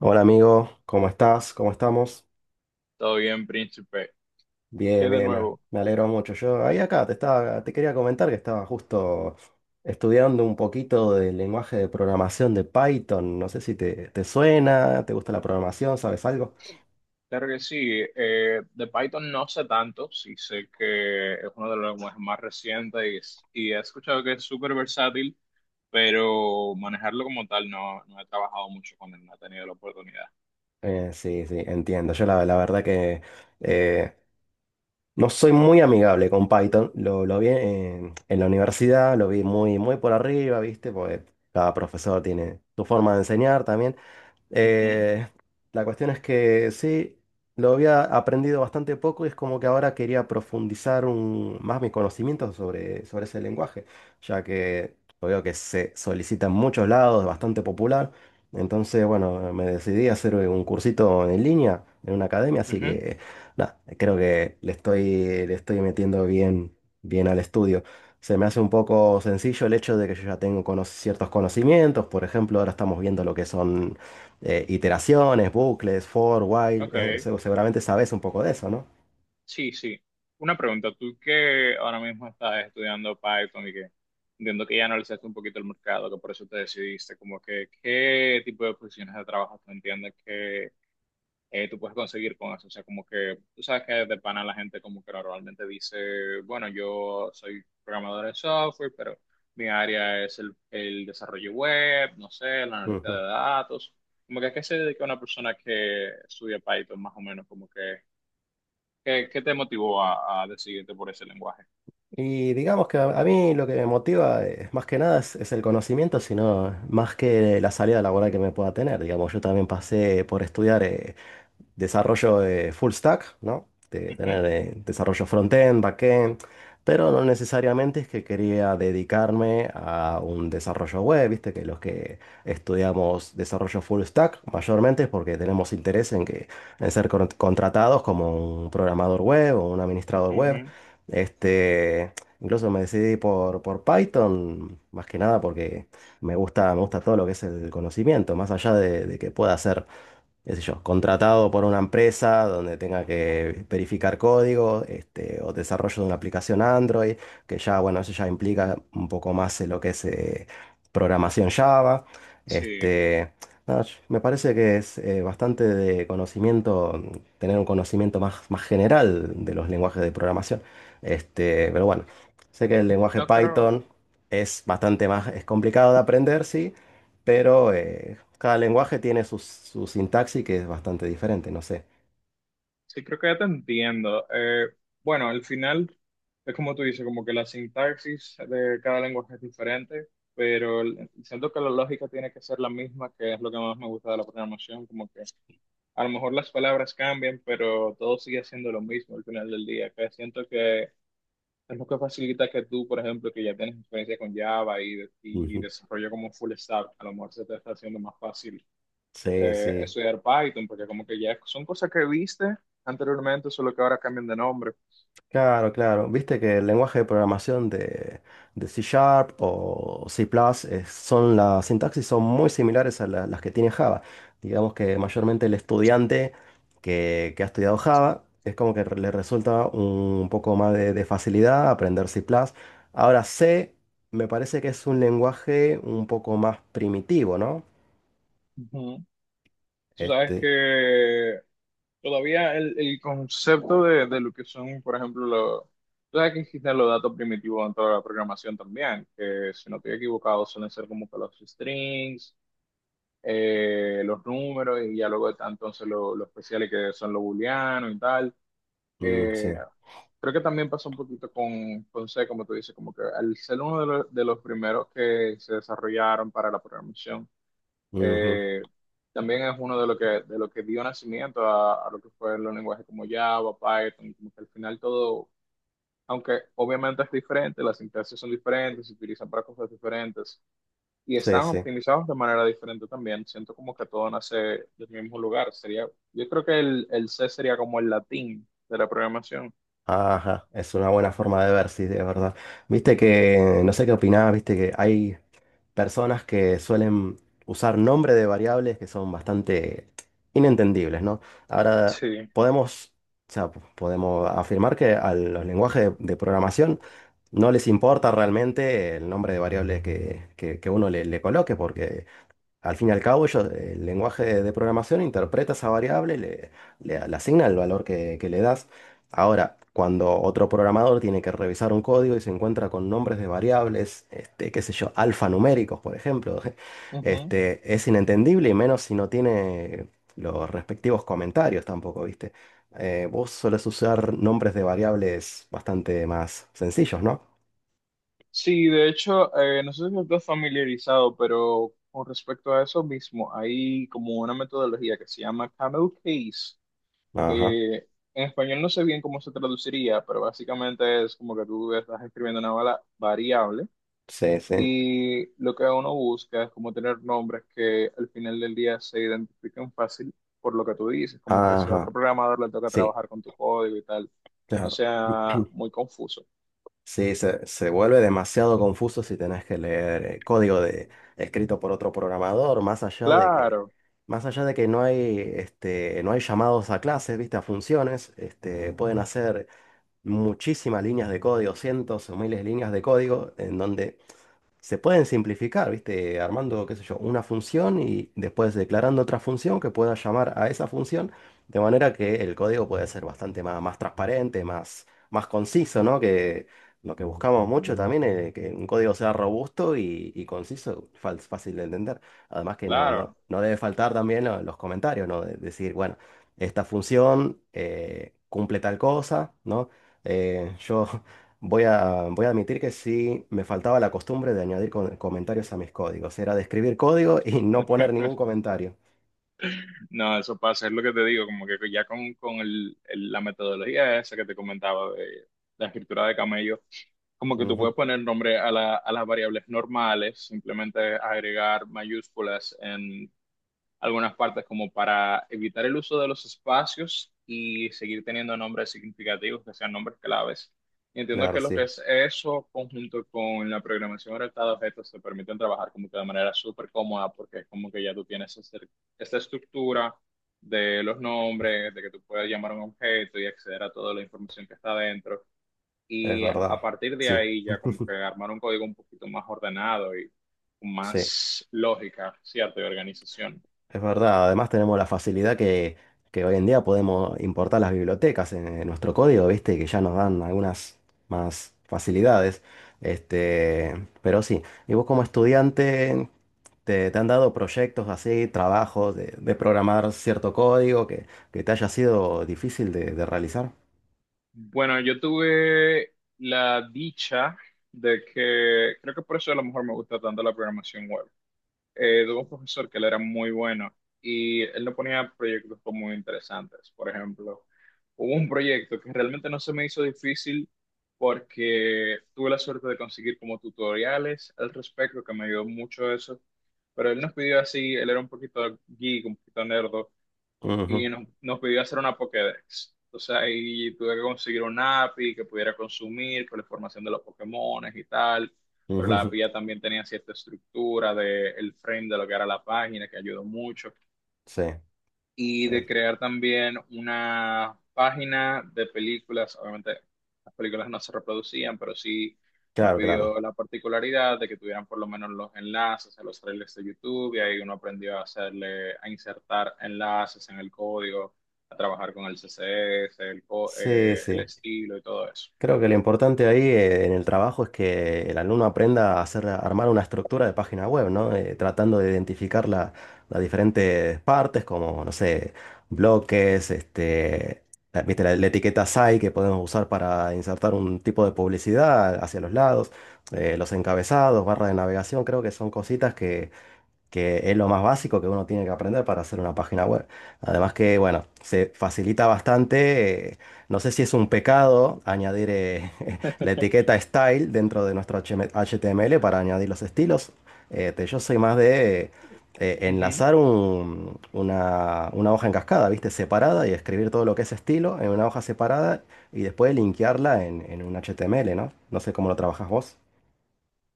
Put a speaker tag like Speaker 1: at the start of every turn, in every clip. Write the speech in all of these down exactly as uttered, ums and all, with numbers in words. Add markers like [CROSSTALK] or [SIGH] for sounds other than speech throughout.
Speaker 1: Hola amigo, ¿cómo estás? ¿Cómo estamos?
Speaker 2: Todo bien, príncipe. ¿Qué
Speaker 1: Bien,
Speaker 2: de
Speaker 1: bien, me,
Speaker 2: nuevo?
Speaker 1: me alegro mucho. Yo ahí acá te estaba, te quería comentar que estaba justo estudiando un poquito del lenguaje de programación de Python. No sé si te, te suena, te gusta la programación, ¿sabes algo?
Speaker 2: Claro que sí. Eh, de Python no sé tanto, sí sé que es uno de los lenguajes más recientes y, es- y he escuchado que es súper versátil, pero manejarlo como tal no, no he trabajado mucho con él, no he tenido la oportunidad.
Speaker 1: Eh, sí, sí, entiendo. Yo la, la verdad que eh, no soy muy amigable con Python. Lo, lo vi en, en la universidad, lo vi muy, muy por arriba, ¿viste? Porque cada profesor tiene su forma de enseñar también.
Speaker 2: Ujú,
Speaker 1: Eh, la cuestión es que sí, lo había aprendido bastante poco y es como que ahora quería profundizar un- más mi conocimiento sobre, sobre ese lenguaje, ya que yo veo que se solicita en muchos lados, es bastante popular. Entonces, bueno, me decidí a hacer un cursito en línea en una academia, así
Speaker 2: ujú.
Speaker 1: que nada, creo que le estoy, le estoy metiendo bien, bien al estudio. Se me hace un poco sencillo el hecho de que yo ya tengo cono- ciertos conocimientos, por ejemplo, ahora estamos viendo lo que son eh, iteraciones, bucles, for, while, eh, [LAUGHS]
Speaker 2: Ok,
Speaker 1: se- seguramente sabes un poco de eso, ¿no?
Speaker 2: sí, sí. Una pregunta, tú que ahora mismo estás estudiando Python y que entiendo que ya analizaste un poquito el mercado, que por eso te decidiste, como que, ¿qué tipo de posiciones de trabajo tú entiendes que eh, tú puedes conseguir con eso? O sea, como que tú sabes que de pana la gente como que normalmente dice, bueno, yo soy programador de software, pero mi área es el, el desarrollo web, no sé, el analista
Speaker 1: Ujú.
Speaker 2: de datos. Como que a qué se dedica una persona que estudia Python más o menos, como que, ¿qué, qué te motivó a, a decidirte por ese lenguaje?
Speaker 1: Y digamos que a, a mí lo que me motiva eh, más que nada es, es el conocimiento, sino más que la salida laboral que me pueda tener. Digamos, yo también pasé por estudiar eh, desarrollo de full stack, ¿no? De
Speaker 2: Ujú,
Speaker 1: tener eh, desarrollo front-end, back-end, pero no necesariamente es que quería dedicarme a un desarrollo web, viste que los que estudiamos desarrollo full stack mayormente es porque tenemos interés en que en ser con- contratados como un programador web o un administrador web.
Speaker 2: ujú.
Speaker 1: Este, incluso me decidí por, por Python, más que nada porque me gusta, me gusta todo lo que es el conocimiento, más allá de, de que pueda hacer qué sé yo, contratado por una empresa donde tenga que verificar código, este, o desarrollo de una aplicación Android, que ya, bueno, eso ya implica un poco más eh, lo que es eh, programación Java.
Speaker 2: Sí,
Speaker 1: Este, nada, yo- me parece que es eh, bastante de conocimiento, mm, tener un conocimiento más, más general de los lenguajes de programación. Este, pero bueno, sé que el lenguaje
Speaker 2: no creo.
Speaker 1: Python es bastante más, es complicado de aprender, sí, pero eh, cada lenguaje tiene su, su sintaxis que es bastante diferente, no sé.
Speaker 2: Sí, creo que ya te entiendo. Eh, bueno, al final es como tú dices, como que la sintaxis de cada lenguaje es diferente, pero el- siento que la lógica tiene que ser la misma, que es lo que más me gusta de la programación, como que a lo mejor las palabras cambian, pero todo sigue siendo lo mismo al final del día, que siento que es lo que facilita que tú, por ejemplo, que ya tienes experiencia con Java y, de- y
Speaker 1: Ujú.
Speaker 2: desarrollo como full stack, a lo mejor se te está haciendo más fácil
Speaker 1: Sí,
Speaker 2: eh,
Speaker 1: sí.
Speaker 2: estudiar Python, porque como que ya son cosas que viste anteriormente, solo que ahora cambian de nombre.
Speaker 1: Claro, claro. Viste que el lenguaje de programación de, de C Sharp o C++ Plus es- son las sintaxis son muy similares a la- las que tiene Java. Digamos que mayormente el estudiante que, que ha estudiado Java es como que le resulta un poco más de, de facilidad aprender C++ plus. Ahora C me parece que es un lenguaje un poco más primitivo, ¿no?
Speaker 2: Ujú. Tú sabes
Speaker 1: Este,
Speaker 2: que todavía el, el concepto de, de lo que son, por ejemplo, los... Tú sabes que existen los datos primitivos en toda la programación también, que si no estoy equivocado suelen ser como que los strings, eh, los números y ya luego están entonces los, los especiales que son los booleanos y tal.
Speaker 1: mm,
Speaker 2: Eh,
Speaker 1: sí.
Speaker 2: Creo que también pasó un poquito con, con C, como tú dices, como que al ser uno de los, de los primeros que se desarrollaron para la programación,
Speaker 1: Ujú.
Speaker 2: eh, también es uno de lo que, de lo que dio nacimiento a, a lo que fue los lenguajes como Java, Python, como que al final todo, aunque obviamente es diferente, las sintaxis son diferentes, se utilizan para cosas diferentes y
Speaker 1: Sí,
Speaker 2: están
Speaker 1: sí.
Speaker 2: optimizados de manera diferente también. Siento como que todo nace del mismo lugar. Sería, yo creo que el, el C sería como el latín de la programación.
Speaker 1: Ajá. Es una buena forma de ver, sí, de verdad. Viste que, no sé qué opinás, viste que hay personas que suelen usar nombres de variables que son bastante inentendibles, ¿no? Ahora,
Speaker 2: Sí.
Speaker 1: podemos, o sea, podemos afirmar que a los lenguajes de, de programación no les importa realmente el nombre de variables que, que- que uno le, le coloque, porque al fin y al cabo, ellos, el lenguaje de, de programación interpreta esa variable, le, le- le asigna el valor que, que le das. Ahora, cuando otro programador tiene que revisar un código y se encuentra con nombres de variables, este, qué sé yo, alfanuméricos, por ejemplo, [LAUGHS]
Speaker 2: Ujú.
Speaker 1: este, es inentendible y menos si no tiene los respectivos comentarios tampoco, ¿viste? Eh, vos solés usar nombres de variables bastante más sencillos, ¿no?
Speaker 2: Sí, de hecho, eh, no sé si estás familiarizado, pero con respecto a eso mismo, hay como una metodología que se llama Camel Case.
Speaker 1: Ajá,
Speaker 2: Eh, en español no sé bien cómo se traduciría, pero básicamente es como que tú estás escribiendo una bala- variable
Speaker 1: sí, sí.
Speaker 2: y lo que uno busca es como tener nombres que al final del día se identifiquen fácil por lo que tú dices, como que si a otro
Speaker 1: Ajá,
Speaker 2: programador le toca
Speaker 1: sí,
Speaker 2: trabajar con tu código y tal, no
Speaker 1: claro.
Speaker 2: sea
Speaker 1: [CLEARS THROAT]
Speaker 2: muy confuso.
Speaker 1: Sí, se, se vuelve demasiado confuso si tenés que leer eh, código de, escrito por otro programador, más allá de que,
Speaker 2: Claro,
Speaker 1: más allá de que no hay, este, no hay llamados a clases, ¿viste? A funciones, este, pueden hacer muchísimas líneas de código, cientos o miles de líneas de código, en donde se pueden simplificar, ¿viste? Armando, qué sé yo, una función y después declarando otra función que pueda llamar a esa función, de manera que el código puede ser bastante más, más transparente, más, más conciso, ¿no? Que lo que buscamos mucho también es que un código sea robusto y, y conciso, fal- fácil de entender. Además que no, no,
Speaker 2: claro.
Speaker 1: no debe faltar también lo- los comentarios, ¿no? De- decir, bueno, esta función eh, cumple tal cosa, ¿no? Eh, yo Voy a, voy a admitir que sí me faltaba la costumbre de añadir con- comentarios a mis códigos. Era de escribir código [LAUGHS] y no poner
Speaker 2: [LAUGHS]
Speaker 1: ningún comentario.
Speaker 2: No, eso pasa, es lo que te digo, como que ya con, con el- el- la metodología esa que te comentaba de la escritura de camello, como que tú puedes
Speaker 1: Ujú,
Speaker 2: poner nombre a, la- a las variables normales, simplemente agregar mayúsculas algunas partes como para evitar el uso de los espacios y seguir teniendo nombres significativos que sean nombres claves. Y entiendo
Speaker 1: claro,
Speaker 2: que lo que
Speaker 1: sí,
Speaker 2: es eso, conjunto con la programación orientada a objetos, te permiten trabajar como que de manera súper cómoda, porque es como que ya tú tienes este- esta estructura de los nombres, de que tú puedes llamar a un objeto y acceder a toda la información que está dentro.
Speaker 1: es
Speaker 2: Y
Speaker 1: verdad.
Speaker 2: a partir de
Speaker 1: Sí,
Speaker 2: ahí ya como que
Speaker 1: [LAUGHS]
Speaker 2: armar un código un poquito más ordenado y con
Speaker 1: sí.
Speaker 2: más lógica, ¿cierto? Y organización.
Speaker 1: Es verdad, además tenemos la facilidad que, que hoy en día podemos importar las bibliotecas en, en nuestro código, ¿viste? Que ya nos dan algunas más facilidades. Este, pero sí, ¿y vos como estudiante te, te han dado proyectos así, trabajos de, de programar cierto código que, que te haya sido difícil de, de realizar?
Speaker 2: Bueno, yo tuve la dicha de que, creo que por eso a lo mejor me gusta tanto la programación web. Eh, tuve un profesor que él era muy bueno y él nos ponía proyectos muy interesantes. Por ejemplo, hubo un proyecto que realmente no se me hizo difícil porque tuve la suerte de conseguir como tutoriales al respecto, que me ayudó mucho eso. Pero él nos pidió así, él era un poquito geek, un poquito nerd,
Speaker 1: Ujú,
Speaker 2: y nos, nos pidió hacer una Pokédex. Entonces ahí tuve que conseguir un A P I que pudiera consumir con la información de los Pokémones y tal, pero la
Speaker 1: ujú,
Speaker 2: A P I ya también tenía cierta estructura del frame de lo que era la página, que ayudó mucho
Speaker 1: [LAUGHS] sí,
Speaker 2: y de
Speaker 1: eh,
Speaker 2: crear también una página de películas. Obviamente las películas no se reproducían, pero sí nos
Speaker 1: claro, claro.
Speaker 2: pidió la particularidad de que tuvieran por lo menos los enlaces a los trailers de YouTube y ahí uno aprendió a hacerle, a insertar enlaces en el código, a trabajar con el C S S, el, co-
Speaker 1: Sí,
Speaker 2: eh, el
Speaker 1: sí.
Speaker 2: estilo y todo eso.
Speaker 1: Creo que lo importante ahí eh, en el trabajo es que el alumno aprenda a hacer, a armar una estructura de página web, ¿no? Eh, tratando de identificar la- las diferentes partes, como, no sé, bloques, este, la, viste, la, la etiqueta S A I que podemos usar para insertar un tipo de publicidad hacia los lados, eh, los encabezados, barra de navegación, creo que son cositas que es lo más básico que uno tiene que aprender para hacer una página web. Además que, bueno, se facilita bastante. Eh, no sé si es un pecado añadir eh, [LAUGHS] la etiqueta style dentro de nuestro H M H T M L para añadir los estilos. Eh, te- yo soy más de eh, eh,
Speaker 2: Ujú.
Speaker 1: enlazar un- una, una hoja en cascada, ¿viste? Separada y escribir todo lo que es estilo en una hoja separada y después linkearla en, en un H T M L, ¿no? No sé cómo lo trabajas vos.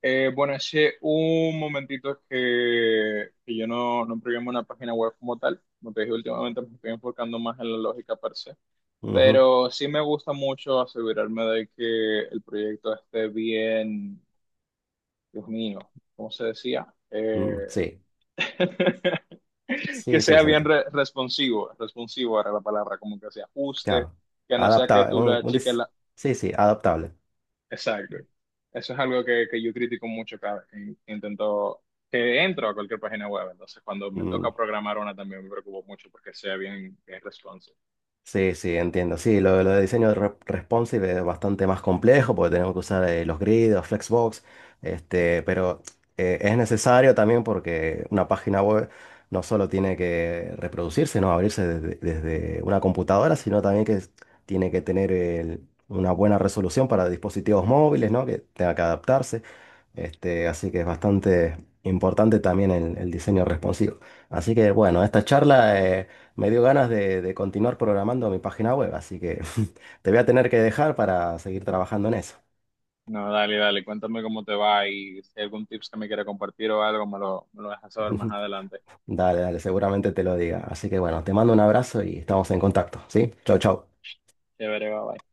Speaker 2: Eh, bueno, hace un momentito que, que yo no, no programo una página web como tal. Como te dije, últimamente me estoy enfocando más en la lógica per se.
Speaker 1: Ujú,
Speaker 2: Pero sí me gusta mucho asegurarme de que el proyecto esté bien, Dios mío, ¿cómo se decía?
Speaker 1: mm,
Speaker 2: Eh,
Speaker 1: sí,
Speaker 2: [LAUGHS] que
Speaker 1: sí, sí,
Speaker 2: sea bien
Speaker 1: sentí.
Speaker 2: re- responsivo, responsivo era la palabra, como que se ajuste,
Speaker 1: Claro.
Speaker 2: que no sea que
Speaker 1: Adaptable.
Speaker 2: tú le
Speaker 1: Un, un
Speaker 2: achiques.
Speaker 1: dis- sí, sí, adaptable.
Speaker 2: Exacto. Eso es algo que, que yo critico mucho cada vez que in- intento, que entro a cualquier página web. Entonces, cuando me toca
Speaker 1: Mm,
Speaker 2: programar una también me preocupo mucho porque sea bien, bien responsive.
Speaker 1: sí, sí, entiendo. Sí, lo, lo de diseño re- responsive es bastante más complejo porque tenemos que usar eh, los grids, los flexbox, este, pero eh, es necesario también porque una página web no solo tiene que reproducirse, no abrirse desde, desde una computadora, sino también que es- tiene que tener el- una buena resolución para dispositivos móviles, ¿no? Que tenga que adaptarse. Este, así que es bastante importante también el, el diseño responsivo. Así que bueno, esta charla eh, me dio ganas de, de continuar programando mi página web, así que [LAUGHS] te voy a tener que dejar para seguir trabajando en eso.
Speaker 2: No, dale, dale, cuéntame cómo te va y si hay algún tips que me quiera compartir o algo, me lo, me lo dejas saber más
Speaker 1: [LAUGHS]
Speaker 2: adelante.
Speaker 1: Dale, dale, seguramente te lo diga. Así que bueno, te mando un abrazo y estamos en contacto, ¿sí? Chau, chau.
Speaker 2: Chévere, bye, bye.